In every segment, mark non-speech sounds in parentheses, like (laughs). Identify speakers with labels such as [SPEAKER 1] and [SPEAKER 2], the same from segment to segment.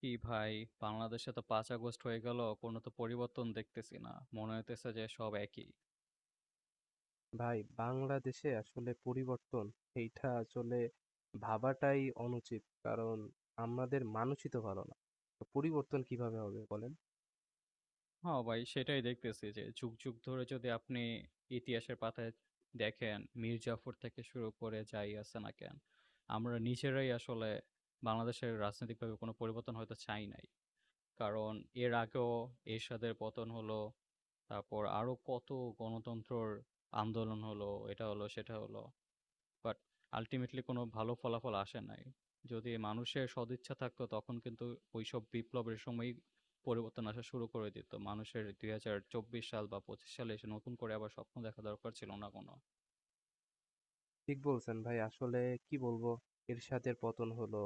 [SPEAKER 1] কি ভাই, বাংলাদেশে তো ৫ আগস্ট হয়ে গেল, কোনো তো পরিবর্তন দেখতেছি না। মনে হইতেছে যে সব একই।
[SPEAKER 2] ভাই, বাংলাদেশে আসলে পরিবর্তন এইটা আসলে ভাবাটাই অনুচিত। কারণ আমাদের মানুষই তো ভালো না। তো পরিবর্তন কিভাবে হবে বলেন?
[SPEAKER 1] হ্যাঁ, ভাই সেটাই দেখতেছি যে যুগ, যুগ ধরে যদি আপনি ইতিহাসের পাতায় দেখেন, মীর জাফর থেকে শুরু করে যাই আছে না কেন, আমরা নিজেরাই আসলে বাংলাদেশের রাজনৈতিকভাবে কোনো পরিবর্তন হয়তো চাই নাই। কারণ এর আগেও এরশাদের পতন হলো, তারপর আরো কত গণতন্ত্রর আন্দোলন হলো, এটা হলো, সেটা হলো। বাট আল্টিমেটলি কোনো ভালো ফলাফল আসে নাই। যদি মানুষের সদিচ্ছা থাকতো তখন কিন্তু ওইসব বিপ্লবের সময়ই পরিবর্তন আসা শুরু করে দিত। মানুষের ২০২৪ সাল বা ২৫ সালে এসে নতুন করে আবার স্বপ্ন দেখা দরকার ছিল না কোনো।
[SPEAKER 2] ঠিক বলছেন ভাই। আসলে কি বলবো, এরশাদের পতন হলো।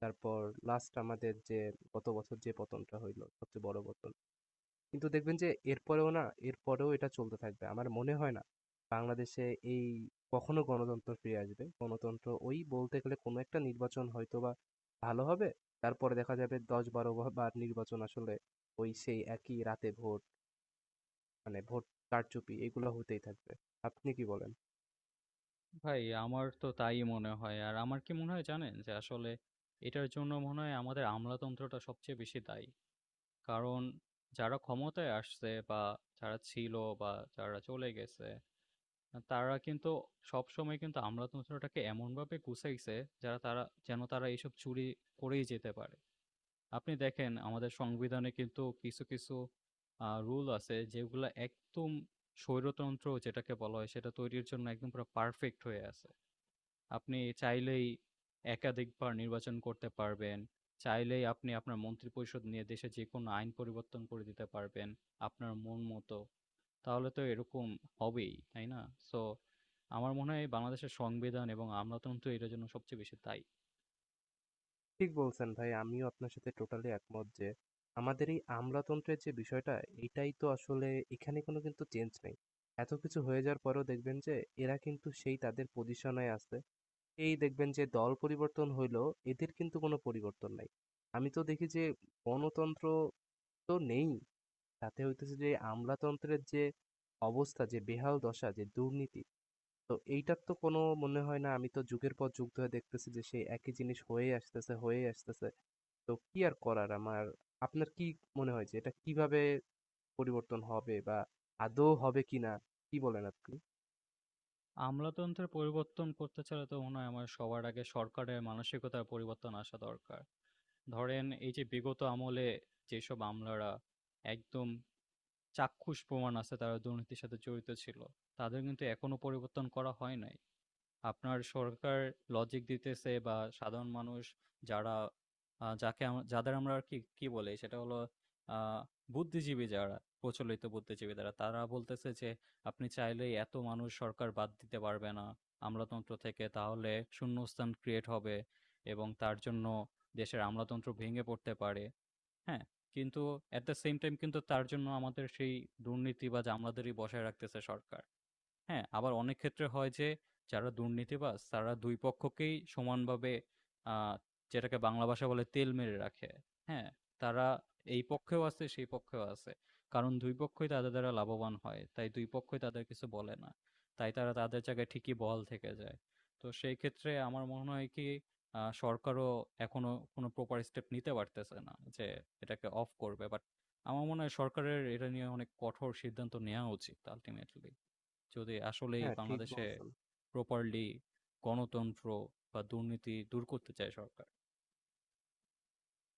[SPEAKER 2] তারপর লাস্ট আমাদের যে গত বছর যে পতনটা হইলো সবচেয়ে বড় পতন। কিন্তু দেখবেন যে এরপরেও না, এরপরেও এটা চলতে থাকবে। আমার মনে হয় না বাংলাদেশে এই কখনো গণতন্ত্র ফিরে আসবে। গণতন্ত্র ওই বলতে গেলে কোনো একটা নির্বাচন হয়তোবা ভালো হবে। তারপরে দেখা যাবে ১০-১২ বা বার নির্বাচন আসলে ওই সেই একই রাতে ভোট, মানে ভোট কারচুপি এগুলো হতেই থাকবে। আপনি কি বলেন?
[SPEAKER 1] ভাই আমার তো তাই মনে হয়। আর আমার কি মনে হয় জানেন? যে আসলে এটার জন্য মনে হয় আমাদের আমলাতন্ত্রটা সবচেয়ে বেশি দায়ী। কারণ যারা ক্ষমতায় আসছে বা যারা ছিল বা যারা চলে গেছে তারা কিন্তু সবসময় কিন্তু আমলাতন্ত্রটাকে এমনভাবে গুছাইছে যারা তারা যেন তারা এইসব চুরি করেই যেতে পারে। আপনি দেখেন আমাদের সংবিধানে কিন্তু কিছু, কিছু রুল আছে যেগুলা একদম স্বৈরতন্ত্র যেটাকে বলা হয় সেটা তৈরির জন্য একদম পুরা পারফেক্ট হয়ে আছে। আপনি চাইলেই একাধিকবার নির্বাচন করতে পারবেন। চাইলেই আপনি আপনার মন্ত্রিপরিষদ নিয়ে দেশে যেকোনো আইন পরিবর্তন করে দিতে পারবেন আপনার মন মতো। তাহলে তো এরকম হবেই, তাই না? সো আমার মনে হয় বাংলাদেশের সংবিধান এবং আমলাতন্ত্র এটার জন্য সবচেয়ে বেশি দায়ী।
[SPEAKER 2] ঠিক বলছেন ভাই। আমিও আপনার সাথে টোটালি একমত যে, আমাদের এই আমলাতন্ত্রের যে বিষয়টা, এটাই তো আসলে এখানে কোনো কিন্তু চেঞ্জ নেই। এত কিছু হয়ে যাওয়ার পরেও দেখবেন যে, এরা কিন্তু সেই তাদের পজিশনে আছে। এই দেখবেন যে দল পরিবর্তন হইলেও এদের কিন্তু কোনো পরিবর্তন নাই। আমি তো দেখি যে গণতন্ত্র তো নেই। তাতে হইতেছে যে আমলাতন্ত্রের যে অবস্থা, যে বেহাল দশা, যে দুর্নীতি, তো এইটার তো কোনো মনে হয় না আমি তো যুগের পর যুগ ধরে দেখতেছি যে সেই একই জিনিস হয়ে আসতেছে, হয়ে আসতেছে। তো কি আর করার আমার আপনার কি মনে হয় যে এটা কিভাবে পরিবর্তন হবে বা আদৌ হবে কিনা কি বলেন আপনি?
[SPEAKER 1] আমলাতন্ত্রের পরিবর্তন করতে চাইলে তো মনে হয় আমার সবার আগে সরকারের মানসিকতার পরিবর্তন আসা দরকার। ধরেন এই যে বিগত আমলে যেসব আমলারা একদম চাক্ষুষ প্রমাণ আছে তারা দুর্নীতির সাথে জড়িত ছিল। তাদের কিন্তু এখনো পরিবর্তন করা হয় নাই। আপনার সরকার লজিক দিতেছে বা সাধারণ মানুষ যারা আ যাকে আম যাদের আমরা আর কি, কি বলি সেটা হলো আ বুদ্ধিজীবী যারা, প্রচলিত বুদ্ধিজীবী যারা, তারা বলতেছে যে আপনি চাইলেই এত মানুষ সরকার বাদ দিতে পারবে না আমলাতন্ত্র থেকে। তাহলে শূন্যস্থান ক্রিয়েট হবে এবং তার জন্য দেশের আমলাতন্ত্র ভেঙে পড়তে পারে। হ্যাঁ? কিন্তু এট দ্য সেম টাইম কিন্তু তার জন্য আমাদের সেই দুর্নীতিবাজ আমলাদেরই বসায় রাখতেছে সরকার। হ্যাঁ, আবার অনেক ক্ষেত্রে হয় যে যারা দুর্নীতিবাজ তারা ২ পক্ষকেই সমানভাবে আ যেটাকে বাংলা ভাষায় বলে তেল মেরে রাখে। হ্যাঁ? তারা এই পক্ষেও আছে, সেই পক্ষেও আছে। কারণ ২ পক্ষই তাদের দ্বারা লাভবান হয়। তাই ২ পক্ষই তাদের কিছু বলে না। তাই তারা তাদের জায়গায় ঠিকই বহাল থেকে যায়। তো সেই ক্ষেত্রে আমার মনে হয় কি সরকারও এখনো কোনো প্রপার স্টেপ নিতে পারতেছে না যে এটাকে অফ করবে। বাট আমার মনে হয় সরকারের এটা নিয়ে অনেক কঠোর সিদ্ধান্ত নেয়া উচিত আল্টিমেটলি। যদি আসলেই
[SPEAKER 2] হ্যাঁ, ঠিক
[SPEAKER 1] বাংলাদেশে
[SPEAKER 2] বলছেন।
[SPEAKER 1] প্রপারলি গণতন্ত্র বা দুর্নীতি দূর করতে চায় সরকার।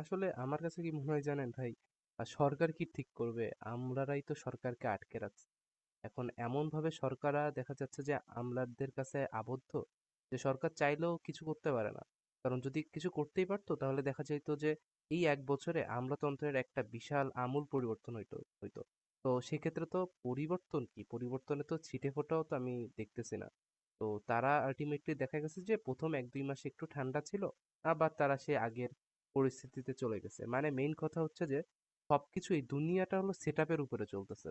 [SPEAKER 2] আসলে আমার কাছে কি মনে হয় জানেন ভাই, সরকার কি ঠিক করবে? আমরারাই তো সরকারকে আটকে রাখছি। এখন এমনভাবে সরকাররা দেখা যাচ্ছে যে আমলাদের কাছে আবদ্ধ, যে সরকার চাইলেও কিছু করতে পারে না। কারণ যদি কিছু করতেই পারত তাহলে দেখা যেত যে এই ১ বছরে আমলাতন্ত্রের একটা বিশাল আমূল পরিবর্তন হইতো হইতো। তো সেক্ষেত্রে তো পরিবর্তন কি? পরিবর্তনে তো ছিটেফোঁটাও তো আমি দেখতেছি না। তো তারা আল্টিমেটলি দেখা গেছে যে ১ম ১-২ মাস একটু ঠান্ডা ছিল, আবার তারা সেই আগের পরিস্থিতিতে চলে গেছে। মানে মেইন কথা হচ্ছে যে সবকিছু এই দুনিয়াটা হলো সেটআপ এর উপরে চলতেছে।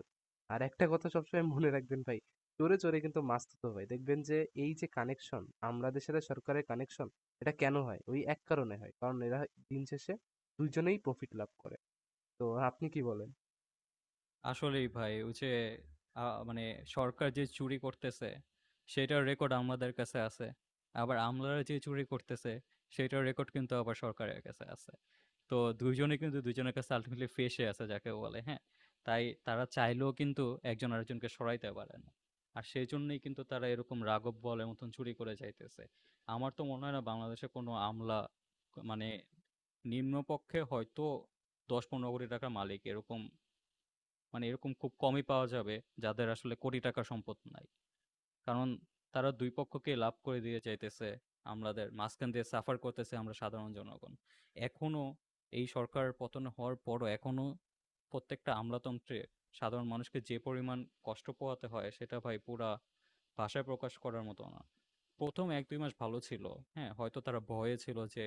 [SPEAKER 2] আর একটা কথা সবসময় মনে রাখবেন ভাই, চোরে, চোরে কিন্তু মাছ থুথু হয়। দেখবেন যে এই যে কানেকশন, আমলাদের সাথে সরকারের কানেকশন, এটা কেন হয়? ওই এক কারণে হয়। কারণ এরা দিন শেষে ২ জনেই প্রফিট লাভ করে। তো আপনি কি বলেন?
[SPEAKER 1] আসলেই ভাই ওই যে মানে সরকার যে চুরি করতেছে সেটার রেকর্ড আমাদের কাছে আছে। আবার আমলারা যে চুরি করতেছে সেটার রেকর্ড কিন্তু আবার সরকারের কাছে আছে। তো ২ জনেই কিন্তু ২ জনের কাছে আল্টিমেটলি ফেঁসে আছে যাকে বলে, হ্যাঁ? তাই তারা চাইলেও কিন্তু একজন আরেকজনকে সরাইতে পারে না। আর সেজন্যই কিন্তু তারা এরকম রাঘব বোয়ালের মতন চুরি করে যাইতেছে। আমার তো মনে হয় না বাংলাদেশে কোনো আমলা মানে নিম্নপক্ষে হয়তো ১০-১৫ কোটি টাকার মালিক এরকম মানে এরকম খুব কমই পাওয়া যাবে যাদের আসলে কোটি টাকার সম্পদ নাই। কারণ তারা দুই পক্ষকে লাভ করে দিয়ে চাইতেছে, আমাদের মাঝখান দিয়ে সাফার করতেছে আমরা সাধারণ জনগণ। এখনো এই সরকার পতন হওয়ার পরও এখনো প্রত্যেকটা আমলাতন্ত্রে সাধারণ মানুষকে যে পরিমাণ কষ্ট পোহাতে হয় সেটা ভাই পুরা ভাষায় প্রকাশ করার মতো না। প্রথম এক দুই মাস ভালো ছিল, হ্যাঁ, হয়তো তারা ভয়ে ছিল যে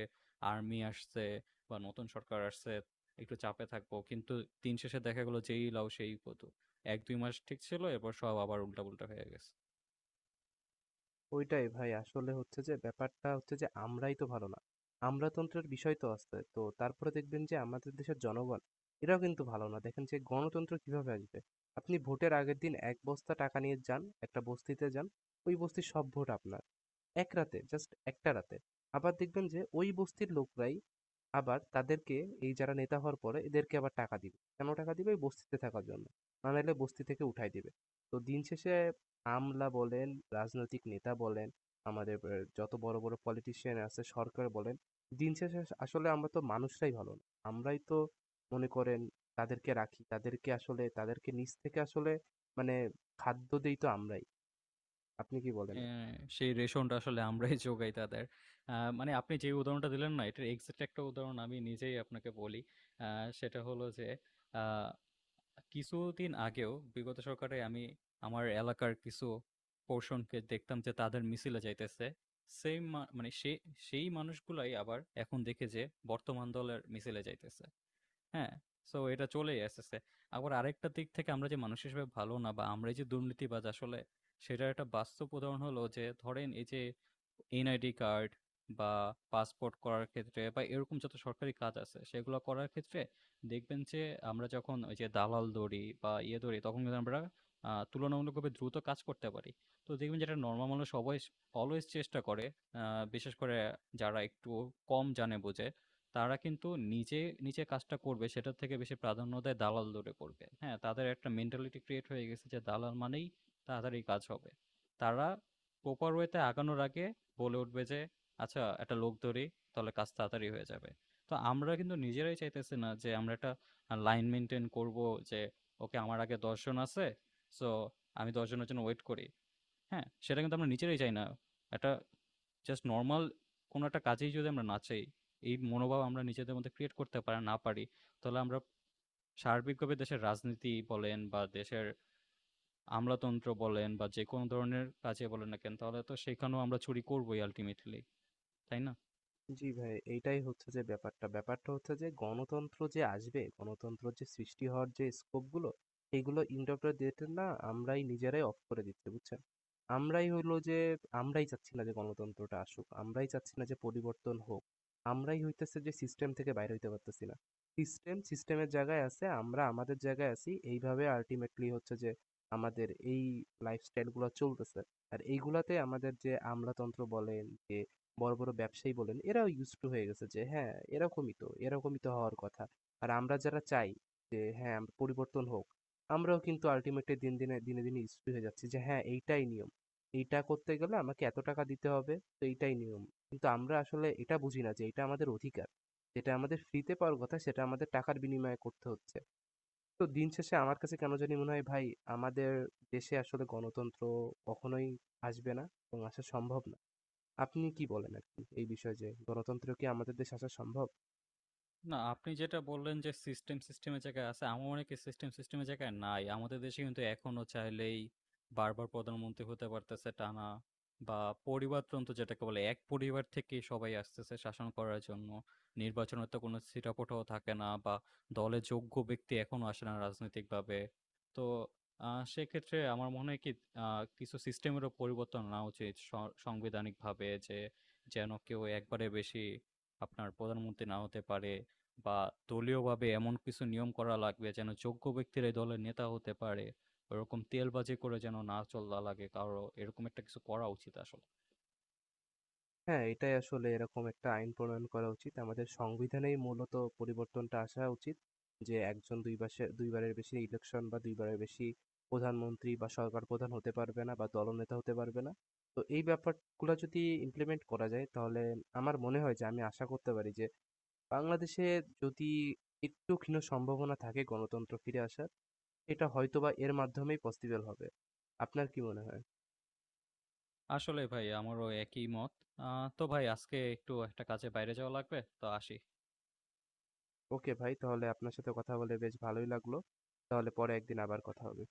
[SPEAKER 1] আর্মি আসছে বা নতুন সরকার আসছে, একটু চাপে থাকবো, কিন্তু দিন শেষে দেখা গেলো যেই লাউ সেই কত। এক দুই মাস ঠিক ছিল, এরপর সব আবার উল্টাপুল্টা হয়ে গেছে।
[SPEAKER 2] ওইটাই ভাই আসলে হচ্ছে যে ব্যাপারটা হচ্ছে যে আমরাই তো ভালো না। আমলাতন্ত্রের বিষয় তো আছে। তো তারপরে দেখবেন যে আমাদের দেশের জনগণ এরাও কিন্তু ভালো না। দেখেন যে গণতন্ত্র কিভাবে আসবে? আপনি ভোটের আগের দিন ১ বস্তা টাকা নিয়ে যান, একটা বস্তিতে যান। ওই বস্তির সব ভোট আপনার। এক রাতে, জাস্ট একটা রাতে। আবার দেখবেন যে ওই বস্তির লোকরাই আবার তাদেরকে এই যারা নেতা হওয়ার পরে এদেরকে আবার টাকা দিবে। কেন টাকা দিবে? এই বস্তিতে থাকার জন্য। না নাইলে বস্তি থেকে উঠায় দিবে। তো দিন শেষে আমলা বলেন, রাজনৈতিক নেতা বলেন, আমাদের এ যত বড়, বড় পলিটিশিয়ান আছে, সরকার বলেন, দিন শেষে আসলে আমরা তো মানুষরাই ভালো না। আমরাই তো মনে করেন তাদেরকে রাখি। তাদেরকে আসলে তাদেরকে নিচ থেকে আসলে মানে খাদ্য দেই তো আমরাই। আপনি কি বলেন?
[SPEAKER 1] হ্যাঁ, সেই রেশনটা আসলে আমরাই (laughs) যোগাই তাদের। মানে আপনি যে উদাহরণটা দিলেন না, এটার এক্সাক্ট একটা উদাহরণ আমি নিজেই আপনাকে বলি। আ সেটা হলো যে, আ কিছুদিন আগেও বিগত সরকারে আমি আমার এলাকার কিছু পোরশনকে দেখতাম যে তাদের মিছিলে যাইতেছে। সেইম মা মানে সে সেই মানুষগুলাই আবার এখন দেখি যে বর্তমান দলের মিছিলে যাইতেছে। হ্যাঁ? সো এটা চলেই আসতেছে। আবার আরেকটা দিক থেকে আমরা যে মানুষ হিসেবে ভালো না বা আমরাই যে দুর্নীতিবাজ আসলে সেটার একটা বাস্তব উদাহরণ হলো যে, ধরেন এই যে এনআইডি কার্ড বা পাসপোর্ট করার ক্ষেত্রে বা এরকম যত সরকারি কাজ আছে সেগুলো করার ক্ষেত্রে দেখবেন যে আমরা যখন ওই যে দালাল ধরি বা ইয়ে ধরি তখন কিন্তু আমরা তুলনামূলকভাবে দ্রুত কাজ করতে পারি। তো দেখবেন যেটা নরমাল মানুষ অবয়েস অলওয়েজ চেষ্টা করে, আ বিশেষ করে যারা একটু কম জানে বোঝে তারা কিন্তু নিজে, নিজে কাজটা করবে সেটার থেকে বেশি প্রাধান্য দেয় দালাল দৌড়ে করবে। হ্যাঁ? তাদের একটা মেন্টালিটি ক্রিয়েট হয়ে গেছে যে দালাল মানেই তাড়াতাড়ি কাজ হবে। তারা প্রপার ওয়েতে আগানোর আগে বলে উঠবে যে, "আচ্ছা একটা লোক ধরি, তাহলে কাজ তাড়াতাড়ি হয়ে যাবে।" তো আমরা কিন্তু নিজেরাই চাইতেছি না যে আমরা একটা লাইন মেইনটেইন করবো যে, "ওকে আমার আগে ১০ জন আছে। সো আমি ১০ জনের জন্য ওয়েট করি।" হ্যাঁ? সেটা কিন্তু আমরা নিজেরাই চাই না। একটা জাস্ট নরমাল কোনো একটা কাজেই যদি আমরা না চাই, এই মনোভাব আমরা নিজেদের মধ্যে ক্রিয়েট করতে পারা না পারি, তাহলে আমরা সার্বিকভাবে দেশের রাজনীতি বলেন বা দেশের আমলাতন্ত্র বলেন বা যেকোনো ধরনের কাজে বলেন না কেন, তাহলে তো সেখানেও আমরা চুরি করবোই আল্টিমেটলি, তাই না?
[SPEAKER 2] জি ভাই, এইটাই হচ্ছে যে ব্যাপারটা। ব্যাপারটা হচ্ছে যে গণতন্ত্র যে আসবে, গণতন্ত্র যে সৃষ্টি হওয়ার যে স্কোপগুলো, এগুলো ইন্টারপ্রেটের না আমরাই নিজেরাই অফ করে দিচ্ছি, বুঝছেন? আমরাই হইলো যে আমরাই চাচ্ছি না যে গণতন্ত্রটা আসুক। আমরাই চাচ্ছি না যে পরিবর্তন হোক। আমরাই হইতেছে যে সিস্টেম থেকে বাইর হইতে পারতেছি না। সিস্টেমের জায়গায় আছে, আমরা আমাদের জায়গায় আছি। এইভাবে আল্টিমেটলি হচ্ছে যে আমাদের এই লাইফস্টাইলগুলা চলতেছে। আর এইগুলাতে আমাদের যে আমলাতন্ত্র বলেন, যে বড়, বড় ব্যবসায়ী বলেন, এরাও used to হয়ে গেছে যে হ্যাঁ, এরকমই তো, এরকমই তো হওয়ার কথা। আর আমরা যারা চাই যে হ্যাঁ, আমরা পরিবর্তন হোক, আমরাও কিন্তু ultimately দিন দিনে দিনে, দিনে used to হয়ে যাচ্ছি যে হ্যাঁ, এইটাই নিয়ম। এইটা করতে গেলে আমাকে এত টাকা দিতে হবে, তো এইটাই নিয়ম। কিন্তু আমরা আসলে এটা বুঝি না যে এটা আমাদের অধিকার। যেটা আমাদের ফ্রিতে পাওয়ার কথা সেটা আমাদের টাকার বিনিময়ে করতে হচ্ছে। তো দিন শেষে আমার কাছে কেন জানি মনে হয় ভাই, আমাদের দেশে আসলে গণতন্ত্র কখনোই আসবে না এবং আসা সম্ভব না। আপনি কি বলেন আরকি এই বিষয়ে যে গণতন্ত্র কি আমাদের দেশে আসা সম্ভব?
[SPEAKER 1] না, আপনি যেটা বললেন যে সিস্টেম সিস্টেমের জায়গায় আছে, আমার মনে হয় কি সিস্টেম সিস্টেমের জায়গায় নাই। আমাদের দেশে কিন্তু এখনো চাইলেই বারবার প্রধানমন্ত্রী হতে পারতেছে টানা, বা পরিবারতন্ত্র যেটাকে বলে এক পরিবার থেকেই সবাই আসতেছে শাসন করার জন্য। নির্বাচনের তো কোনো ছিটেফোঁটাও থাকে না বা দলে যোগ্য ব্যক্তি এখনো আসে না রাজনৈতিকভাবে। তো সেক্ষেত্রে আমার মনে হয় কি আ কিছু সিস্টেমেরও পরিবর্তন আনা উচিত সাংবিধানিকভাবে, যে যেন কেউ একবারে বেশি আপনার প্রধানমন্ত্রী না হতে পারে। বা দলীয়ভাবে এমন কিছু নিয়ম করা লাগবে যেন যোগ্য ব্যক্তিরাই দলের নেতা হতে পারে, ওরকম তেলবাজি করে যেন না চলা লাগে কারো। এরকম একটা কিছু করা উচিত আসলে।
[SPEAKER 2] হ্যাঁ, এটাই আসলে এরকম একটা আইন প্রণয়ন করা উচিত। আমাদের সংবিধানেই মূলত পরিবর্তনটা আসা উচিত। যে একজন ২ বাসে ২ বারের বেশি ইলেকশন বা ২ বারের বেশি প্রধানমন্ত্রী বা সরকার প্রধান হতে পারবে না বা দলনেতা হতে পারবে না। তো এই ব্যাপারগুলা যদি ইমপ্লিমেন্ট করা যায় তাহলে আমার মনে হয় যে আমি আশা করতে পারি যে বাংলাদেশে যদি একটু ক্ষীণ সম্ভাবনা থাকে গণতন্ত্র ফিরে আসার, এটা হয়তোবা এর মাধ্যমেই পসিবল হবে। আপনার কি মনে হয়?
[SPEAKER 1] আসলে ভাই আমারও একই মত। তো ভাই আজকে একটু একটা কাজে বাইরে যাওয়া লাগবে, তো আসি।
[SPEAKER 2] ওকে ভাই, তাহলে আপনার সাথে কথা বলে বেশ ভালোই লাগলো। তাহলে পরে একদিন আবার কথা হবে।